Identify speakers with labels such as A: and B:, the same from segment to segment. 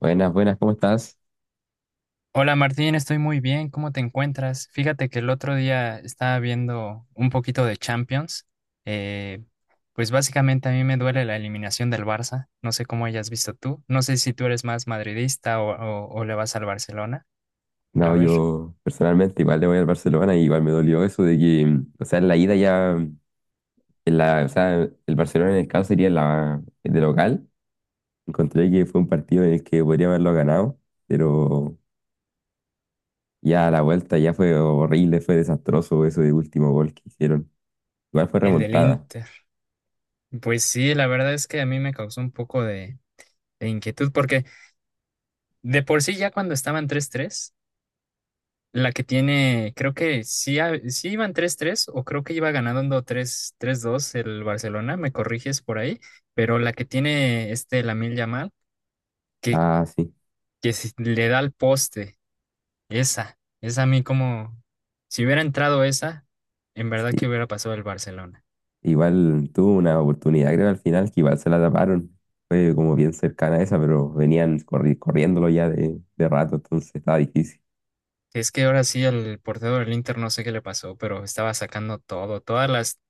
A: Buenas, buenas, ¿cómo estás?
B: Hola Martín, estoy muy bien. ¿Cómo te encuentras? Fíjate que el otro día estaba viendo un poquito de Champions. Eh, pues básicamente a mí me duele la eliminación del Barça. No sé cómo hayas visto tú. No sé si tú eres más madridista o le vas al Barcelona. A
A: No,
B: ver,
A: yo personalmente igual le voy al Barcelona y igual me dolió eso de o sea, en la ida ya, o sea, el Barcelona en el caso sería la, de local. Encontré que fue un partido en el que podría haberlo ganado, pero ya a la vuelta ya fue horrible, fue desastroso eso de último gol que hicieron. Igual fue
B: el del
A: remontada.
B: Inter. Pues sí, la verdad es que a mí me causó un poco de inquietud porque de por sí ya cuando estaban 3-3. La que tiene, creo que sí, sí iban 3-3 o creo que iba ganando 3 3-2 el Barcelona, me corriges por ahí, pero la que tiene este Lamine Yamal, que,
A: Ah, sí,
B: que si le da al poste, esa a mí como, si hubiera entrado esa, en verdad que
A: sí.
B: hubiera pasado el Barcelona.
A: Igual tuvo una oportunidad, creo, al final, que igual se la taparon. Fue como bien cercana a esa, pero venían corriéndolo ya de rato, entonces estaba difícil.
B: Es que ahora sí el portero del Inter no sé qué le pasó, pero estaba sacando todo, todas las,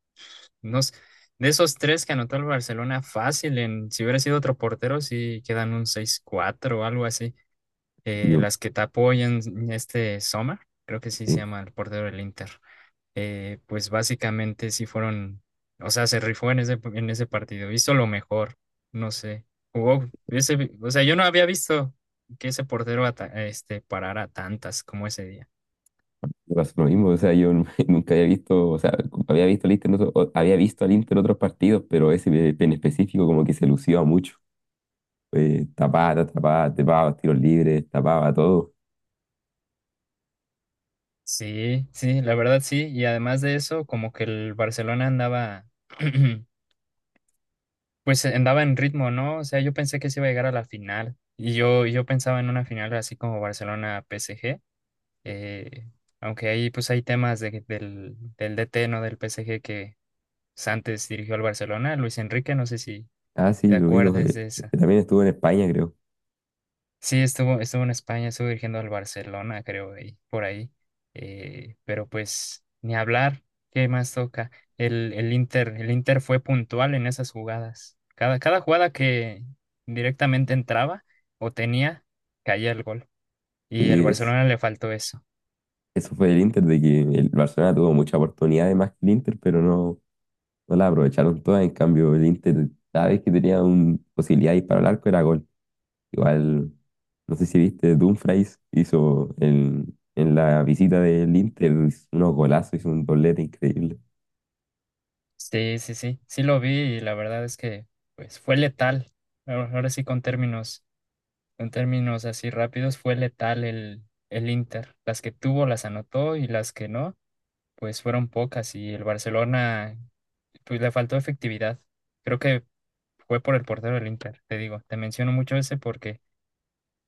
B: unos, de esos tres que anotó el Barcelona fácil, en, si hubiera sido otro portero, sí quedan un 6-4 o algo así.
A: Y yo,
B: Las que te apoyan este Sommer, creo que sí se
A: sí,
B: llama el portero del Inter. Pues básicamente sí fueron, o sea, se rifó en ese partido, hizo lo mejor, no sé, jugó, o sea, yo no había visto que ese portero este, parara tantas como ese día.
A: me pasó lo mismo. O sea, nunca había visto, o sea, como había visto al Inter, en había visto al Inter en otros partidos, pero ese en específico como que se lució mucho. Tapaba, tapaba, tapaba, tiros libres, tapaba todo.
B: Sí, sí, la verdad sí, y además de eso, como que el Barcelona andaba, pues andaba en ritmo, ¿no? O sea, yo pensé que se iba a llegar a la final, y yo pensaba en una final así como Barcelona PSG. Eh, Aunque ahí pues hay temas del DT, ¿no? Del PSG que pues, antes dirigió al Barcelona, Luis Enrique, no sé si
A: Ah, sí,
B: te
A: lo digo,
B: acuerdas de
A: es
B: esa.
A: que también estuvo en España, creo.
B: Sí, estuvo en España, estuvo dirigiendo al Barcelona, creo, ahí, por ahí. Pero pues ni hablar, ¿qué más toca? El Inter fue puntual en esas jugadas. Cada jugada que directamente entraba o tenía, caía el gol. Y
A: Sí,
B: el
A: es,
B: Barcelona le faltó eso.
A: eso fue el Inter, de que el Barcelona tuvo muchas oportunidades más que el Inter, pero no. No la aprovecharon todas, en cambio el Inter cada vez que tenía una posibilidad de disparar al arco era gol. Igual, no sé si viste, Dumfries hizo en la visita del Inter unos golazos, hizo un doblete increíble.
B: Sí, sí, sí, sí lo vi y la verdad es que pues fue letal. Ahora sí con términos así rápidos, fue letal el Inter. Las que tuvo las anotó y las que no, pues fueron pocas y el Barcelona pues le faltó efectividad. Creo que fue por el portero del Inter, te digo, te menciono mucho ese porque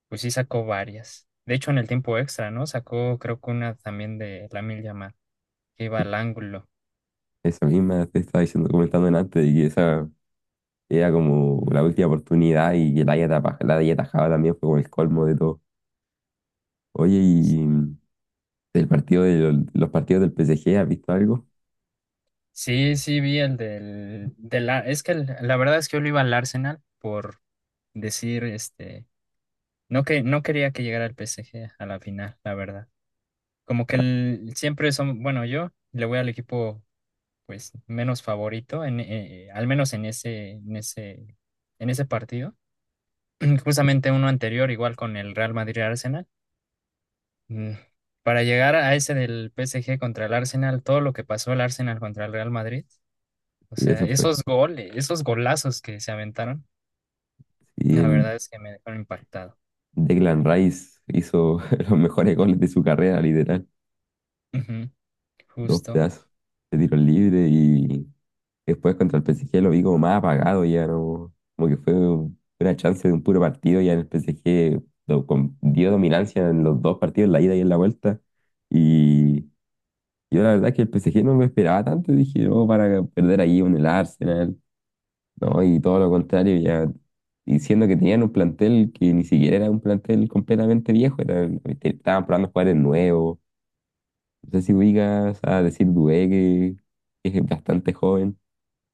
B: pues sí sacó varias. De hecho en el tiempo extra, ¿no? Sacó creo que una también de Lamine Yamal que iba al ángulo.
A: Esa misma te estaba diciendo, comentando antes, de que esa era como la última oportunidad y que la haya atajado también fue como el colmo de todo. Oye, y del partido de los partidos del PSG, ¿has visto algo?
B: Sí, sí, vi el del es que la verdad es que yo le iba al Arsenal por decir, este, no que no quería que llegara el PSG a la final, la verdad. Como que siempre son, bueno, yo le voy al equipo pues menos favorito en al menos en ese partido. Justamente uno anterior igual con el Real Madrid y Arsenal. Mm, Para llegar a ese del PSG contra el Arsenal, todo lo que pasó el Arsenal contra el Real Madrid. O
A: Y
B: sea,
A: eso fue.
B: esos goles, esos golazos que se aventaron,
A: Y
B: la
A: el
B: verdad es que me dejaron impactado.
A: Declan Rice hizo los mejores goles de su carrera, literal.
B: Ujú,
A: Dos
B: justo.
A: pedazos de tiro libre y después contra el PSG lo vi como más apagado ya, ¿no? Como que fue una chance de un puro partido ya en el PSG dio dominancia en los dos partidos, en la ida y en la vuelta. Y yo la verdad es que el PSG no me esperaba tanto, dije, no, para perder ahí con el Arsenal, ¿no? Y todo lo contrario, ya diciendo que tenían un plantel que ni siquiera era un plantel completamente viejo, era, estaban probando jugadores nuevos. No sé si ubicas a decir Dubé, que es bastante joven.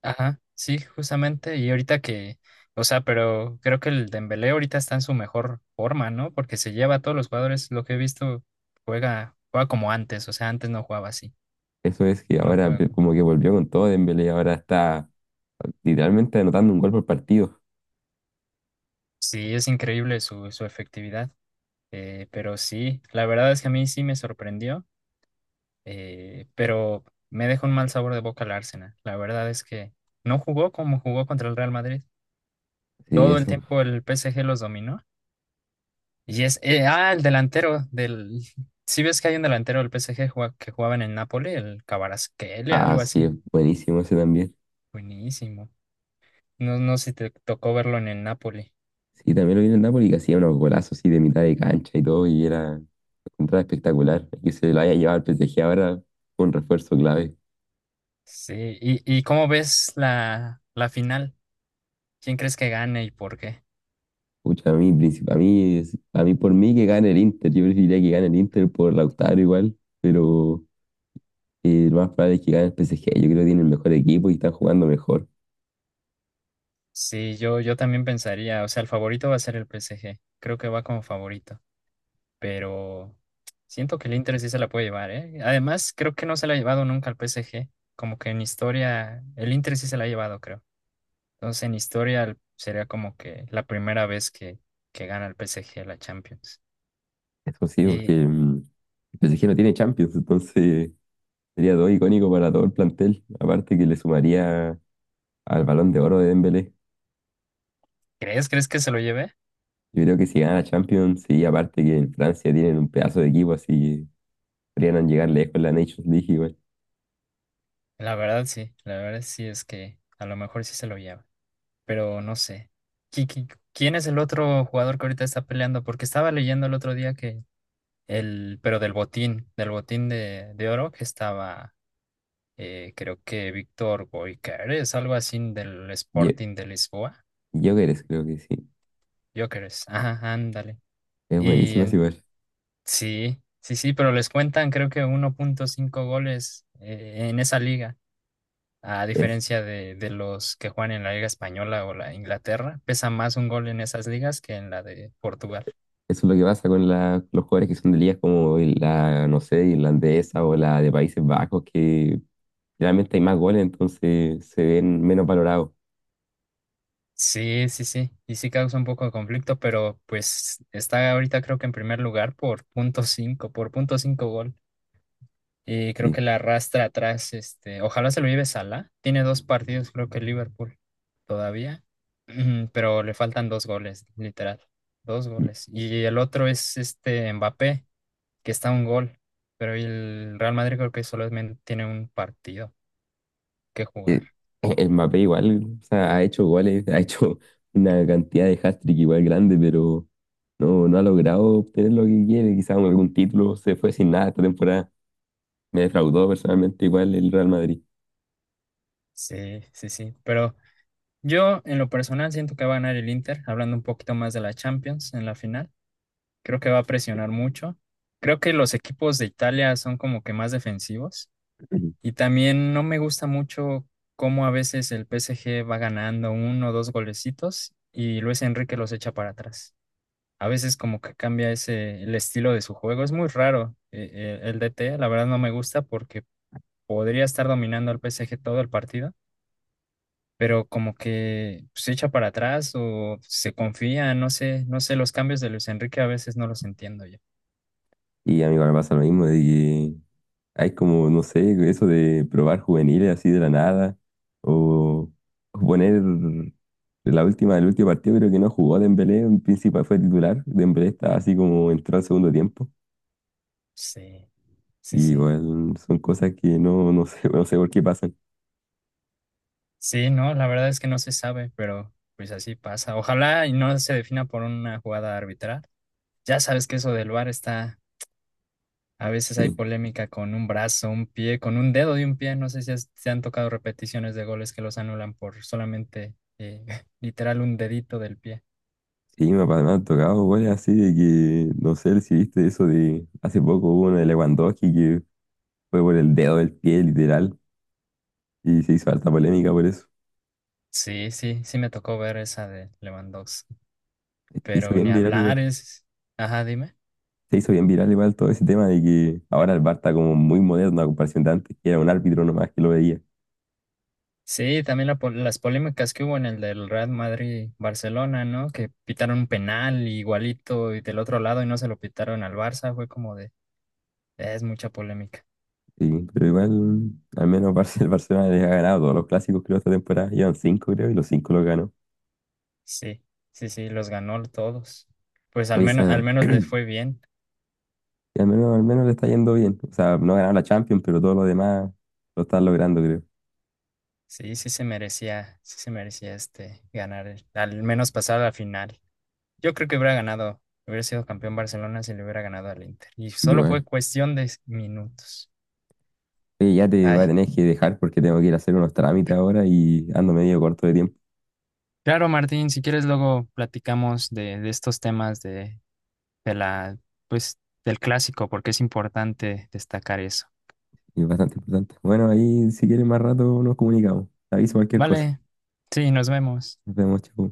B: Ajá, sí, justamente. Y ahorita que, o sea, pero creo que el Dembélé ahorita está en su mejor forma, ¿no? Porque se lleva a todos los jugadores. Lo que he visto, juega como antes. O sea, antes no jugaba así.
A: Eso es que
B: No
A: ahora
B: juega como.
A: como que volvió con todo Dembélé, ahora está literalmente anotando un gol por partido.
B: Sí, es increíble su efectividad. Pero sí, la verdad es que a mí sí me sorprendió. Pero me deja un mal sabor de boca el Arsenal. La verdad es que no jugó como jugó contra el Real Madrid.
A: Sí,
B: Todo el
A: eso.
B: tiempo el PSG los dominó. El delantero del, si ves que hay un delantero del PSG que jugaba en el Napoli, el Kvaratskhelia,
A: Ah,
B: algo
A: sí, es
B: así.
A: buenísimo ese también.
B: Buenísimo. No, no sé si te tocó verlo en el Napoli.
A: Sí, también lo vi en el Napoli que hacía unos golazos así de mitad de cancha y todo, y era contra espectacular. Y que se lo haya llevado al PSG ahora fue un refuerzo clave.
B: Sí, ¿y cómo ves la final? ¿Quién crees que gane y por qué?
A: Pucha, a a a mí por mí que gane el Inter. Yo preferiría que gane el Inter por Lautaro igual, pero y lo más probable es que gane el PSG. Yo creo que tiene el mejor equipo y están jugando mejor.
B: Sí, yo también pensaría, o sea, el favorito va a ser el PSG. Creo que va como favorito. Pero siento que el Inter sí se la puede llevar, ¿eh? Además, creo que no se la ha llevado nunca al PSG. Como que en historia, el Inter sí se la ha llevado, creo. Entonces, en historia sería como que la primera vez que gana el PSG la Champions.
A: Eso sí, porque
B: ¿Y
A: mm, el PSG no tiene Champions, entonces sería todo icónico para todo el plantel. Aparte que le sumaría al Balón de Oro de Dembélé.
B: crees que se lo lleve?
A: Yo creo que si gana Champions, sí, aparte que en Francia tienen un pedazo de equipo, así que podrían llegar lejos en la Nations League igual.
B: La verdad sí es que a lo mejor sí se lo lleva, pero no sé. ¿Quién es el otro jugador que ahorita está peleando? Porque estaba leyendo el otro día que pero del botín de oro que estaba creo que Víctor Gyökeres, algo así del
A: Ye-
B: Sporting de Lisboa.
A: Gyökeres creo que sí.
B: Gyökeres, ajá, ándale.
A: Es
B: Y
A: buenísimo es
B: en-
A: igual.
B: sí, sí, sí, pero les cuentan creo que 1.5 goles en esa liga, a
A: Es,
B: diferencia de los que juegan en la Liga Española o la Inglaterra, pesa más un gol en esas ligas que en la de Portugal.
A: eso es lo que pasa con los jugadores que son de ligas como la, no sé, irlandesa o la de Países Bajos, que generalmente hay más goles, entonces se ven menos valorados.
B: Sí, sí, sí, y sí causa un poco de conflicto, pero pues está ahorita creo que en primer lugar por punto cinco gol. Y creo
A: Y,
B: que la arrastra atrás, este, ojalá se lo lleve Salah. Tiene dos partidos, creo que Liverpool todavía, pero le faltan dos goles, literal, dos
A: y,
B: goles. Y el otro es este Mbappé, que está a un gol, pero el Real Madrid creo que solamente tiene un partido que
A: eh,
B: jugar.
A: el Mbappé igual, o sea, ha hecho goles, ha hecho una cantidad de hat-trick igual grande, pero no, no ha logrado obtener lo que quiere, quizás algún título, se fue sin nada esta temporada. Me defraudó personalmente igual el Real Madrid.
B: Sí, sí, sí. Pero yo en lo personal siento que va a ganar el Inter, hablando un poquito más de la Champions en la final. Creo que va a presionar mucho. Creo que los equipos de Italia son como que más defensivos.
A: Ujú.
B: Y también no me gusta mucho cómo a veces el PSG va ganando uno o dos golecitos y Luis Enrique los echa para atrás. A veces como que cambia ese el estilo de su juego. Es muy raro el DT, la verdad no me gusta porque podría estar dominando al PSG todo el partido, pero como que se echa para atrás o se confía, no sé, no sé, los cambios de Luis Enrique a veces no los entiendo yo.
A: Y a mí igual me pasa lo mismo, de hay como, no sé, eso de probar juveniles así de la nada, o o poner la última, el último partido, creo que no jugó Dembélé, en principal fue titular, Dembélé estaba así como entró al segundo tiempo,
B: Sí, sí,
A: y
B: sí.
A: igual son cosas que no, no sé, no sé por qué pasan.
B: Sí, no, la verdad es que no se sabe, pero pues así pasa. Ojalá y no se defina por una jugada arbitral. Ya sabes que eso del VAR está, a veces hay
A: Sí,
B: polémica con un brazo, un pie, con un dedo de un pie. No sé si te han tocado repeticiones de goles que los anulan por solamente literal un dedito del pie.
A: sí, me han tocado goles así de que, no sé si viste eso de, hace poco hubo uno de Lewandowski que fue por el dedo del pie, literal, y se hizo alta polémica por eso.
B: Sí, sí, sí me tocó ver esa de Lewandowski,
A: Se hizo
B: pero ni
A: bien viral
B: hablar
A: igual.
B: es... Ajá, dime.
A: Se hizo bien viral igual todo ese tema de que ahora el VAR está como muy moderno a comparación de antes, que era un árbitro nomás que lo veía.
B: Sí, también las polémicas que hubo en el del Real Madrid-Barcelona, ¿no? Que pitaron un penal igualito y del otro lado y no se lo pitaron al Barça, fue como de, es mucha polémica.
A: Sí, pero igual, al menos el Barcelona les ha ganado todos los clásicos, creo, esta temporada. Llevan cinco, creo, y los cinco los ganó.
B: Sí, sí, sí, los ganó todos. Pues
A: Oye,
B: al menos les fue bien.
A: y al menos le está yendo bien. O sea, no ganaron la Champions, pero todo lo demás lo están logrando, creo.
B: Sí, sí se merecía este ganar, al menos pasar a la final. Yo creo que hubiera ganado, hubiera sido campeón Barcelona si le hubiera ganado al Inter. Y solo fue
A: Igual.
B: cuestión de minutos.
A: Oye, ya te voy a
B: Ay,
A: tener que dejar porque tengo que ir a hacer unos trámites ahora y ando medio corto de tiempo.
B: claro, Martín, si quieres luego platicamos de estos temas de pues, del clásico, porque es importante destacar eso.
A: Y es bastante importante. Bueno, ahí si quieres más rato nos comunicamos. Te aviso cualquier cosa.
B: Vale, sí, nos vemos.
A: Nos vemos, chao.